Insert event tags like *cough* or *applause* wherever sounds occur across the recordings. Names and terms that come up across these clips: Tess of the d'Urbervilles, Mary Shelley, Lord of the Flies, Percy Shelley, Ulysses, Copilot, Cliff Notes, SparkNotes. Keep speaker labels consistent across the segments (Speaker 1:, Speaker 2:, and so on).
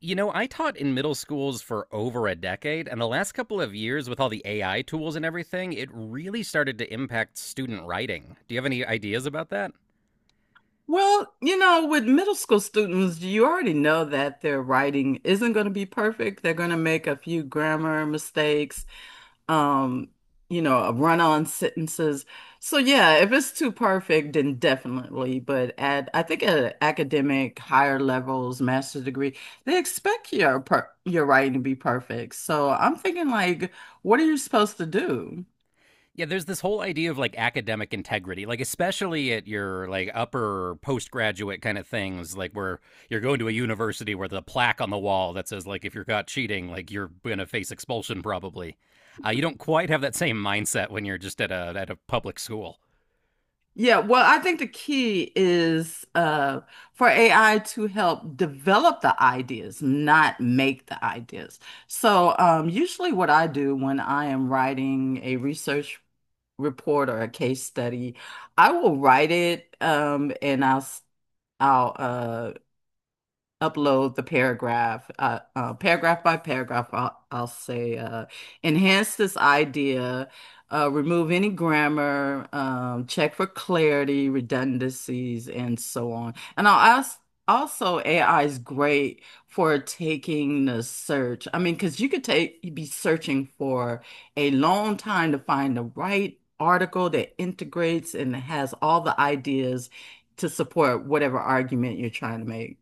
Speaker 1: You know, I taught in middle schools for over a decade, and the last couple of years with all the AI tools and everything, it really started to impact student writing. Do you have any ideas about that?
Speaker 2: Well, you know, with middle school students, you already know that their writing isn't going to be perfect. They're going to make a few grammar mistakes, um, you know, run-on sentences. So yeah, if it's too perfect, then definitely. But at I think at academic higher levels, master's degree, they expect your writing to be perfect. So I'm thinking like, what are you supposed to do?
Speaker 1: Yeah, there's this whole idea of like academic integrity, like especially at your like upper postgraduate kind of things, like where you're going to a university where the plaque on the wall that says like if you're caught cheating, like you're gonna face expulsion probably. You don't quite have that same mindset when you're just at a public school.
Speaker 2: Yeah, well, I think the key is for AI to help develop the ideas, not make the ideas. So, usually, what I do when I am writing a research report or a case study, I will write it, I'll upload the paragraph, paragraph by paragraph. I'll say, enhance this idea, remove any grammar, check for clarity, redundancies, and so on. And I'll ask. Also, AI is great for taking the search. I mean, because you'd be searching for a long time to find the right article that integrates and has all the ideas to support whatever argument you're trying to make.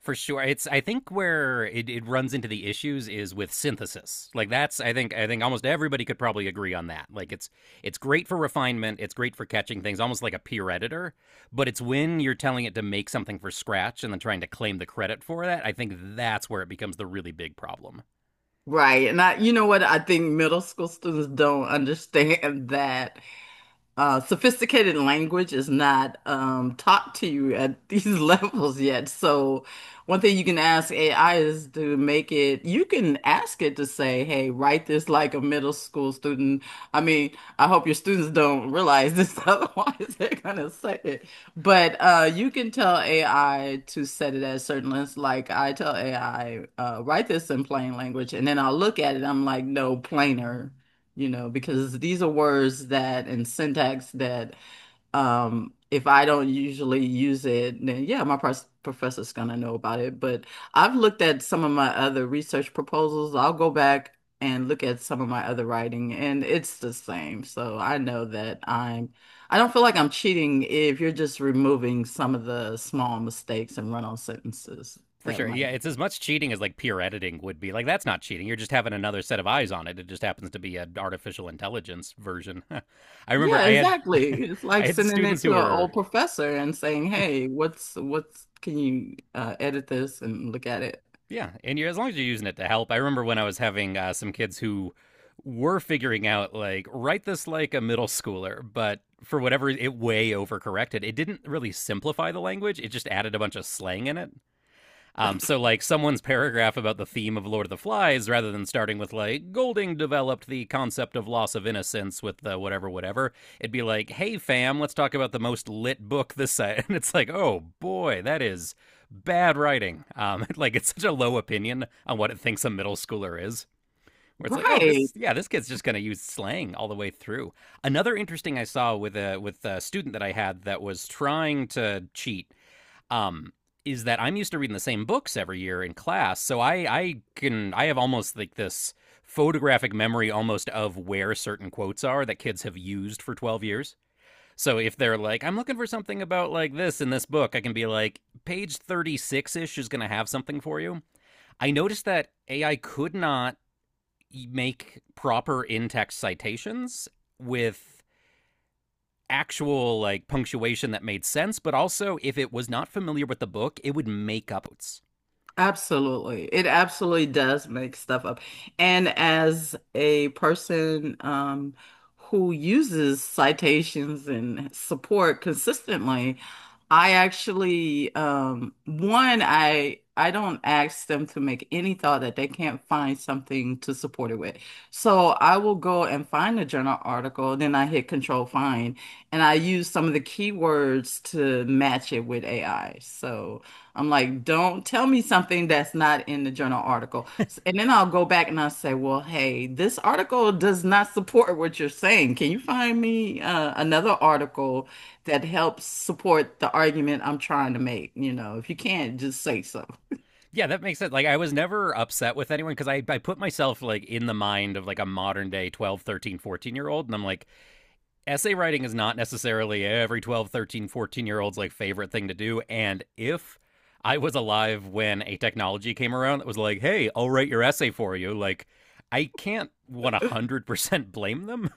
Speaker 1: For sure, it's I think where it runs into the issues is with synthesis. Like that's I think almost everybody could probably agree on that. Like it's great for refinement, it's great for catching things, almost like a peer editor. But it's when you're telling it to make something for scratch and then trying to claim the credit for that, I think that's where it becomes the really big problem.
Speaker 2: Right. And you know what? I think middle school students don't understand *laughs* that sophisticated language is not taught to you at these *laughs* levels yet. So, one thing you can ask AI is to make it, you can ask it to say, hey, write this like a middle school student. I mean, I hope your students don't realize this, *laughs* otherwise, they're going to say it. But you can tell AI to set it at certain lengths. Like, I tell AI, write this in plain language, and then I'll look at it, I'm like, no, plainer, you know, because these are words that and syntax that if I don't usually use it, then yeah, professor's gonna know about it. But I've looked at some of my other research proposals. I'll go back and look at some of my other writing, and it's the same. So I know that I don't feel like I'm cheating if you're just removing some of the small mistakes and run-on sentences
Speaker 1: For
Speaker 2: that
Speaker 1: sure.
Speaker 2: might.
Speaker 1: Yeah, it's as much cheating as like peer editing would be. Like that's not cheating. You're just having another set of eyes on it. It just happens to be an artificial intelligence version. *laughs* I remember
Speaker 2: Yeah,
Speaker 1: I had *laughs*
Speaker 2: exactly. It's
Speaker 1: I
Speaker 2: like
Speaker 1: had
Speaker 2: sending
Speaker 1: students
Speaker 2: it to
Speaker 1: who
Speaker 2: an
Speaker 1: were
Speaker 2: old professor and saying, "Hey, what's can you edit this and look at it?"
Speaker 1: yeah, and you're, as long as you're using it to help. I remember when I was having some kids who were figuring out like write this like a middle schooler, but for whatever it way overcorrected. It didn't really simplify the language. It just added a bunch of slang in it. So, like, someone's paragraph about the theme of Lord of the Flies, rather than starting with, like, Golding developed the concept of loss of innocence with the whatever, whatever, it'd be like, hey, fam, let's talk about the most lit book this side. *laughs* And it's like, oh, boy, that is bad writing. *laughs* Like, it's such a low opinion on what it thinks a middle schooler is, where it's like, oh,
Speaker 2: Right.
Speaker 1: this, yeah, this kid's just going to use slang all the way through. Another interesting I saw with a student that I had that was trying to cheat, um, is that I'm used to reading the same books every year in class, so I have almost like this photographic memory almost of where certain quotes are that kids have used for 12 years. So if they're like, I'm looking for something about like this in this book, I can be like, page 36 ish is going to have something for you. I noticed that AI could not make proper in text citations with actual like punctuation that made sense, but also if it was not familiar with the book, it would make up quotes.
Speaker 2: Absolutely. It absolutely does make stuff up. And as a person who uses citations and support consistently, I actually one, I don't ask them to make any thought that they can't find something to support it with. So I will go and find a journal article, then I hit control find, and I use some of the keywords to match it with AI. So I'm like, don't tell me something that's not in the journal article. And then I'll go back and I'll say, well, hey, this article does not support what you're saying. Can you find me another article that helps support the argument I'm trying to make? You know, if you can't, just say so.
Speaker 1: Yeah, that makes sense. Like I was never upset with anyone because I put myself like in the mind of like a modern day 12, 13, 14 year old, and I'm like essay writing is not necessarily every 12, 13, 14 year old's like favorite thing to do, and if I was alive when a technology came around that was like, "Hey, I'll write your essay for you." Like I can't 100% blame them.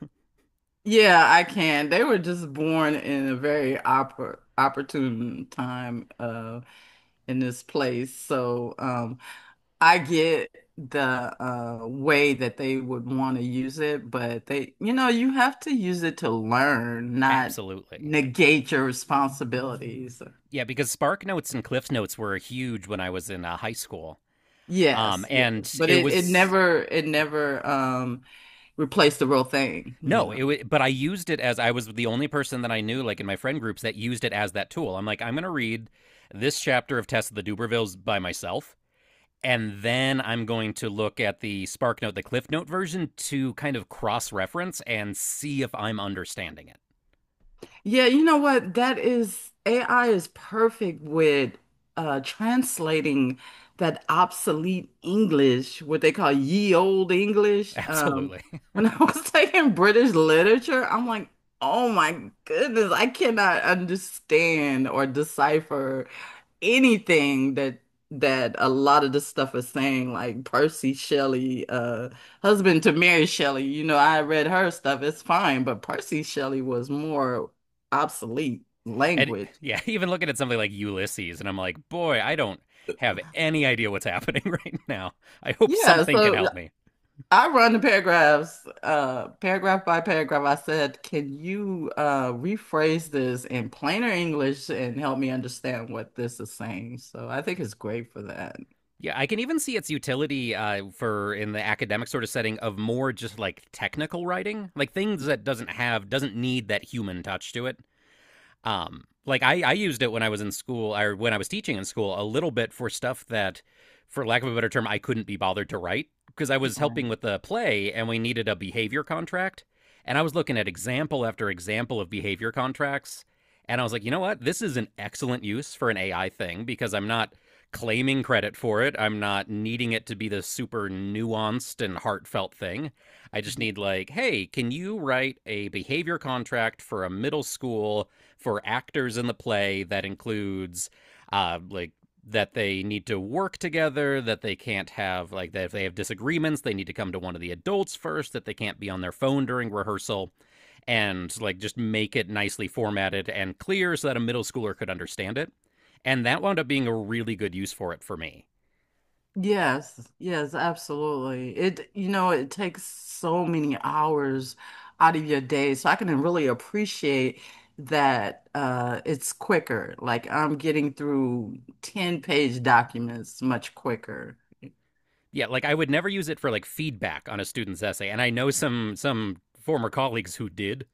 Speaker 2: Yeah, I can. They were just born in a very opportune time in this place. So, I get the way that they would want to use it, but they, you know, you have to use it to learn, not
Speaker 1: *laughs* Absolutely.
Speaker 2: negate your responsibilities.
Speaker 1: Yeah, because Spark Notes and Cliff Notes were huge when I was in high school.
Speaker 2: Yes, yes,
Speaker 1: And
Speaker 2: but
Speaker 1: it
Speaker 2: it
Speaker 1: was
Speaker 2: never replaced the real thing, you
Speaker 1: No,
Speaker 2: know.
Speaker 1: it wa but I used it as I was the only person that I knew, like in my friend groups, that used it as that tool. I'm like, I'm going to read this chapter of Tess of the Dubervilles by myself, and then I'm going to look at the SparkNote, the Cliff Note version to kind of cross reference and see if I'm understanding it.
Speaker 2: Yeah, you know what? That is AI is perfect with translating that obsolete English, what they call ye old
Speaker 1: *laughs*
Speaker 2: English.
Speaker 1: Absolutely.
Speaker 2: When I was *laughs* taking British literature, I'm like, oh my goodness, I cannot understand or decipher anything that a lot of the stuff is saying, like Percy Shelley, husband to Mary Shelley. You know, I read her stuff. It's fine, but Percy Shelley was more obsolete
Speaker 1: And
Speaker 2: language.
Speaker 1: yeah, even looking at something like Ulysses, and I'm like, boy, I don't have any idea what's happening *laughs* right now. I hope
Speaker 2: Yeah,
Speaker 1: something can
Speaker 2: so
Speaker 1: help me.
Speaker 2: I run the paragraphs, paragraph by paragraph. I said, "Can you rephrase this in plainer English and help me understand what this is saying?" So I think it's great for that.
Speaker 1: Yeah, I can even see its utility for in the academic sort of setting of more just like technical writing, like things that doesn't need that human touch to it. Like I used it when I was in school or when I was teaching in school a little bit for stuff that, for lack of a better term, I couldn't be bothered to write because I was helping with the play and we needed a behavior contract. And I was looking at example after example of behavior contracts. And I was like, you know what? This is an excellent use for an AI thing because I'm not claiming credit for it. I'm not needing it to be the super nuanced and heartfelt thing. I just
Speaker 2: Right.
Speaker 1: need, like, hey, can you write a behavior contract for a middle school, for actors in the play, that includes like that they need to work together, that they can't have like that if they have disagreements, they need to come to one of the adults first, that they can't be on their phone during rehearsal, and like just make it nicely formatted and clear so that a middle schooler could understand it. And that wound up being a really good use for it for me.
Speaker 2: Yes, yes, absolutely. It, you know, it takes so many hours out of your day. So I can really appreciate that it's quicker. Like I'm getting through 10-page documents much quicker.
Speaker 1: Yeah, like I would never use it for like feedback on a student's essay, and I know some former colleagues who did.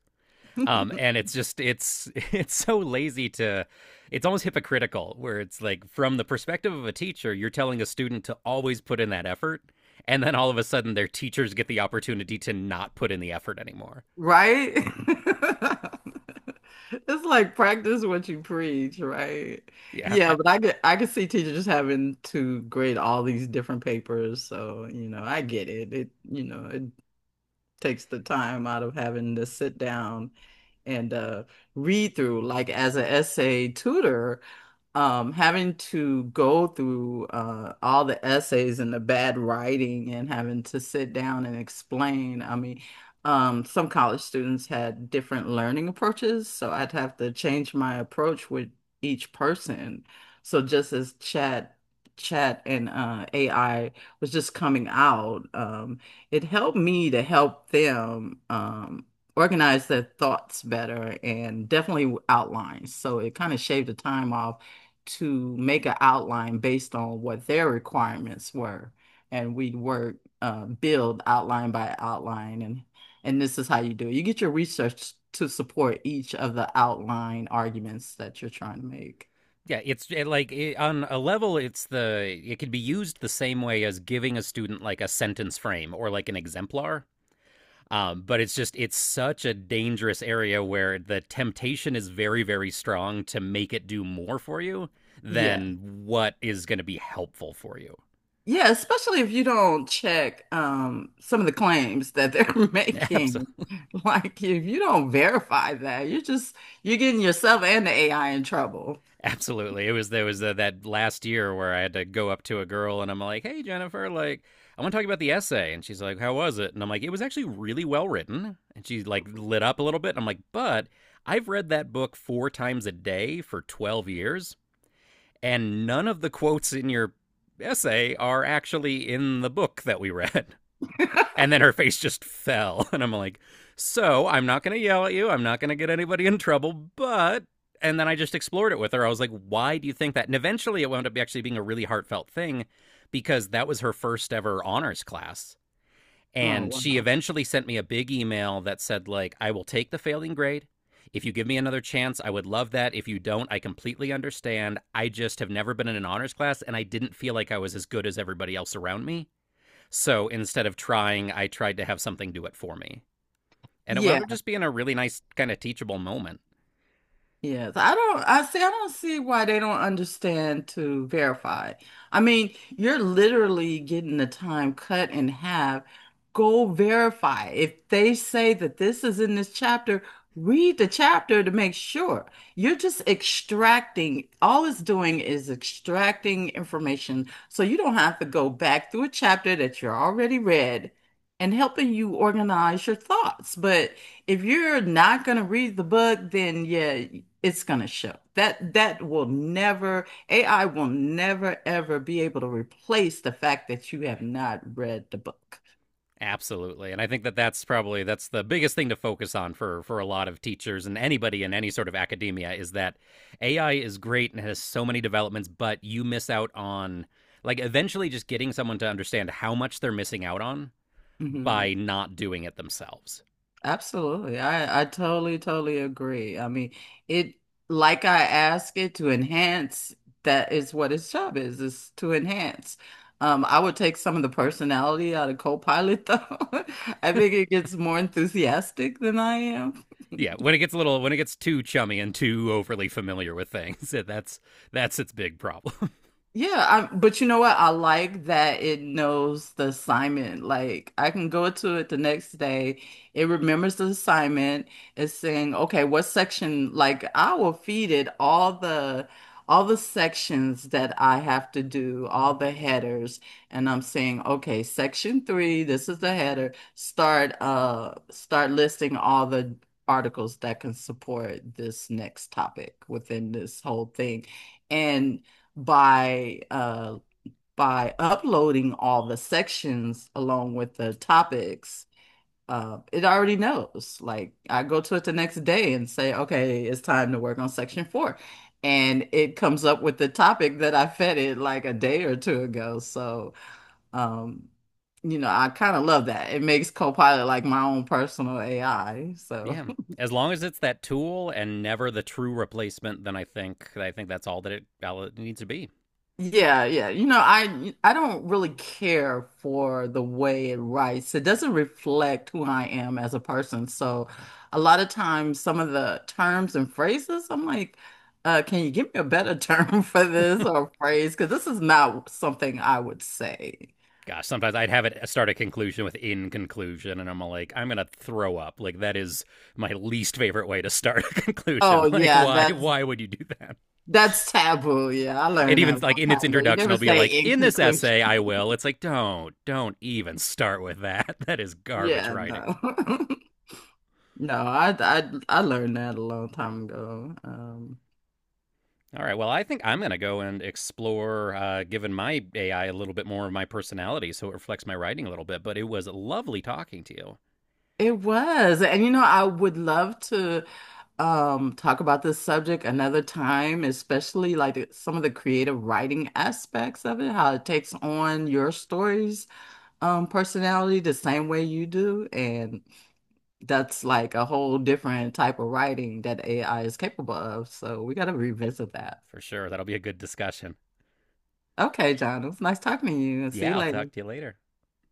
Speaker 2: *laughs*
Speaker 1: And it's *laughs* it's so lazy. To It's almost hypocritical where it's like from the perspective of a teacher, you're telling a student to always put in that effort, and then all of a sudden their teachers get the opportunity to not put in the effort anymore.
Speaker 2: Right? *laughs* It's like practice what you preach, right?
Speaker 1: Yeah.
Speaker 2: Yeah, but I could see teachers just having to grade all these different papers. So, you know, I get it. It, you know, it takes the time out of having to sit down and read through. Like as an essay tutor, having to go through all the essays and the bad writing and having to sit down and explain. I mean, some college students had different learning approaches, so I'd have to change my approach with each person. So just as chat and AI was just coming out, it helped me to help them organize their thoughts better and definitely outlines. So it kind of shaved the time off to make an outline based on what their requirements were. And we'd work, build outline by outline. And this is how you do it. You get your research to support each of the outline arguments that you're trying to make.
Speaker 1: Yeah, it on a level it can be used the same way as giving a student like a sentence frame or like an exemplar. But it's such a dangerous area where the temptation is very, very strong to make it do more for you
Speaker 2: Yeah.
Speaker 1: than what is going to be helpful for you.
Speaker 2: Yeah, especially if you don't check some of the claims that they're *laughs*
Speaker 1: *laughs*
Speaker 2: making.
Speaker 1: Absolutely.
Speaker 2: Like if you don't verify that, you're getting yourself and the AI in trouble.
Speaker 1: Absolutely. It was there was that last year where I had to go up to a girl and I'm like, "Hey Jennifer, like I want to talk about the essay." And she's like, "How was it?" And I'm like, "It was actually really well written." And she like lit up a little bit. And I'm like, "But I've read that book 4 times a day for 12 years and none of the quotes in your essay are actually in the book that we read." *laughs* And then her face just fell. *laughs* And I'm like, so I'm not going to yell at you. I'm not going to get anybody in trouble, but. And then I just explored it with her. I was like, why do you think that? And eventually it wound up actually being a really heartfelt thing because that was her first ever honors class.
Speaker 2: Oh,
Speaker 1: And she
Speaker 2: wow.
Speaker 1: eventually sent me a big email that said, like, I will take the failing grade. If you give me another chance, I would love that. If you don't, I completely understand. I just have never been in an honors class and I didn't feel like I was as good as everybody else around me. So instead of trying, I tried to have something do it for me. And it wound
Speaker 2: Yeah.
Speaker 1: up just being a really nice, kind of teachable moment.
Speaker 2: Yes, I don't see why they don't understand to verify. I mean, you're literally getting the time cut in half. Go verify. If they say that this is in this chapter, read the chapter to make sure. All it's doing is extracting information. So you don't have to go back through a chapter that you already read and helping you organize your thoughts. But if you're not going to read the book, then yeah. It's going to show. That will never, AI will never ever be able to replace the fact that you have not read the book.
Speaker 1: Absolutely, and I think that that's probably, that's the biggest thing to focus on for a lot of teachers and anybody in any sort of academia, is that AI is great and has so many developments, but you miss out on, like, eventually just getting someone to understand how much they're missing out on
Speaker 2: Hmm.
Speaker 1: by not doing it themselves.
Speaker 2: Absolutely. I totally totally agree. I mean, it, like I ask it to enhance, that is what its job is to enhance. I would take some of the personality out of Copilot though. *laughs* I think it gets more enthusiastic than I am. *laughs*
Speaker 1: Yeah, when it gets too chummy and too overly familiar with things, *laughs* that's its big problem.
Speaker 2: Yeah, I, but you know what? I like that it knows the assignment. Like I can go to it the next day. It remembers the assignment. It's saying, okay, what section? Like I will feed it all the sections that I have to do, all the headers, and I'm saying, okay, section three, this is the header. Start start listing all the articles that can support this next topic within this whole thing by uh by uploading all the sections along with the topics, it already knows. Like I go to it the next day and say, okay, it's time to work on section four. And it comes up with the topic that I fed it like a day or two ago. So, um, you know, I kind of love that. It makes Copilot like my own personal AI. So.
Speaker 1: Yeah. As long as it's that tool and never the true replacement, then I think that's all it needs to be.
Speaker 2: Yeah, yeah. You know, I don't really care for the way it writes. It doesn't reflect who I am as a person. So a lot of times some of the terms and phrases, I'm like, can you give me a better term *laughs* for this or phrase? Because this is not something I would say.
Speaker 1: Gosh, sometimes I'd have it start a conclusion with in conclusion, and I'm like, I'm gonna throw up. Like that is my least favorite way to start *laughs* a
Speaker 2: Oh
Speaker 1: conclusion. Like
Speaker 2: yeah,
Speaker 1: why why would you do that?
Speaker 2: that's taboo. Yeah, I
Speaker 1: And
Speaker 2: learned that
Speaker 1: even
Speaker 2: a
Speaker 1: like
Speaker 2: long
Speaker 1: in its
Speaker 2: time ago. You
Speaker 1: introduction,
Speaker 2: never
Speaker 1: I'll be
Speaker 2: say
Speaker 1: like,
Speaker 2: in
Speaker 1: in this
Speaker 2: conclusion.
Speaker 1: essay, I will. It's like don't even start with that. *laughs* That is garbage
Speaker 2: Yeah,
Speaker 1: writing.
Speaker 2: no. *laughs* No, I learned that a long time ago. Um,
Speaker 1: All right. Well, I think I'm going to go and explore giving my AI a little bit more of my personality so it reflects my writing a little bit. But it was lovely talking to you.
Speaker 2: it was. And you know, I would love to talk about this subject another time, especially like some of the creative writing aspects of it, how it takes on your story's personality the same way you do. And that's like a whole different type of writing that AI is capable of. So we got to revisit that.
Speaker 1: For sure. That'll be a good discussion.
Speaker 2: Okay, John, it was nice talking to you and see you
Speaker 1: Yeah, I'll
Speaker 2: later.
Speaker 1: talk to you later.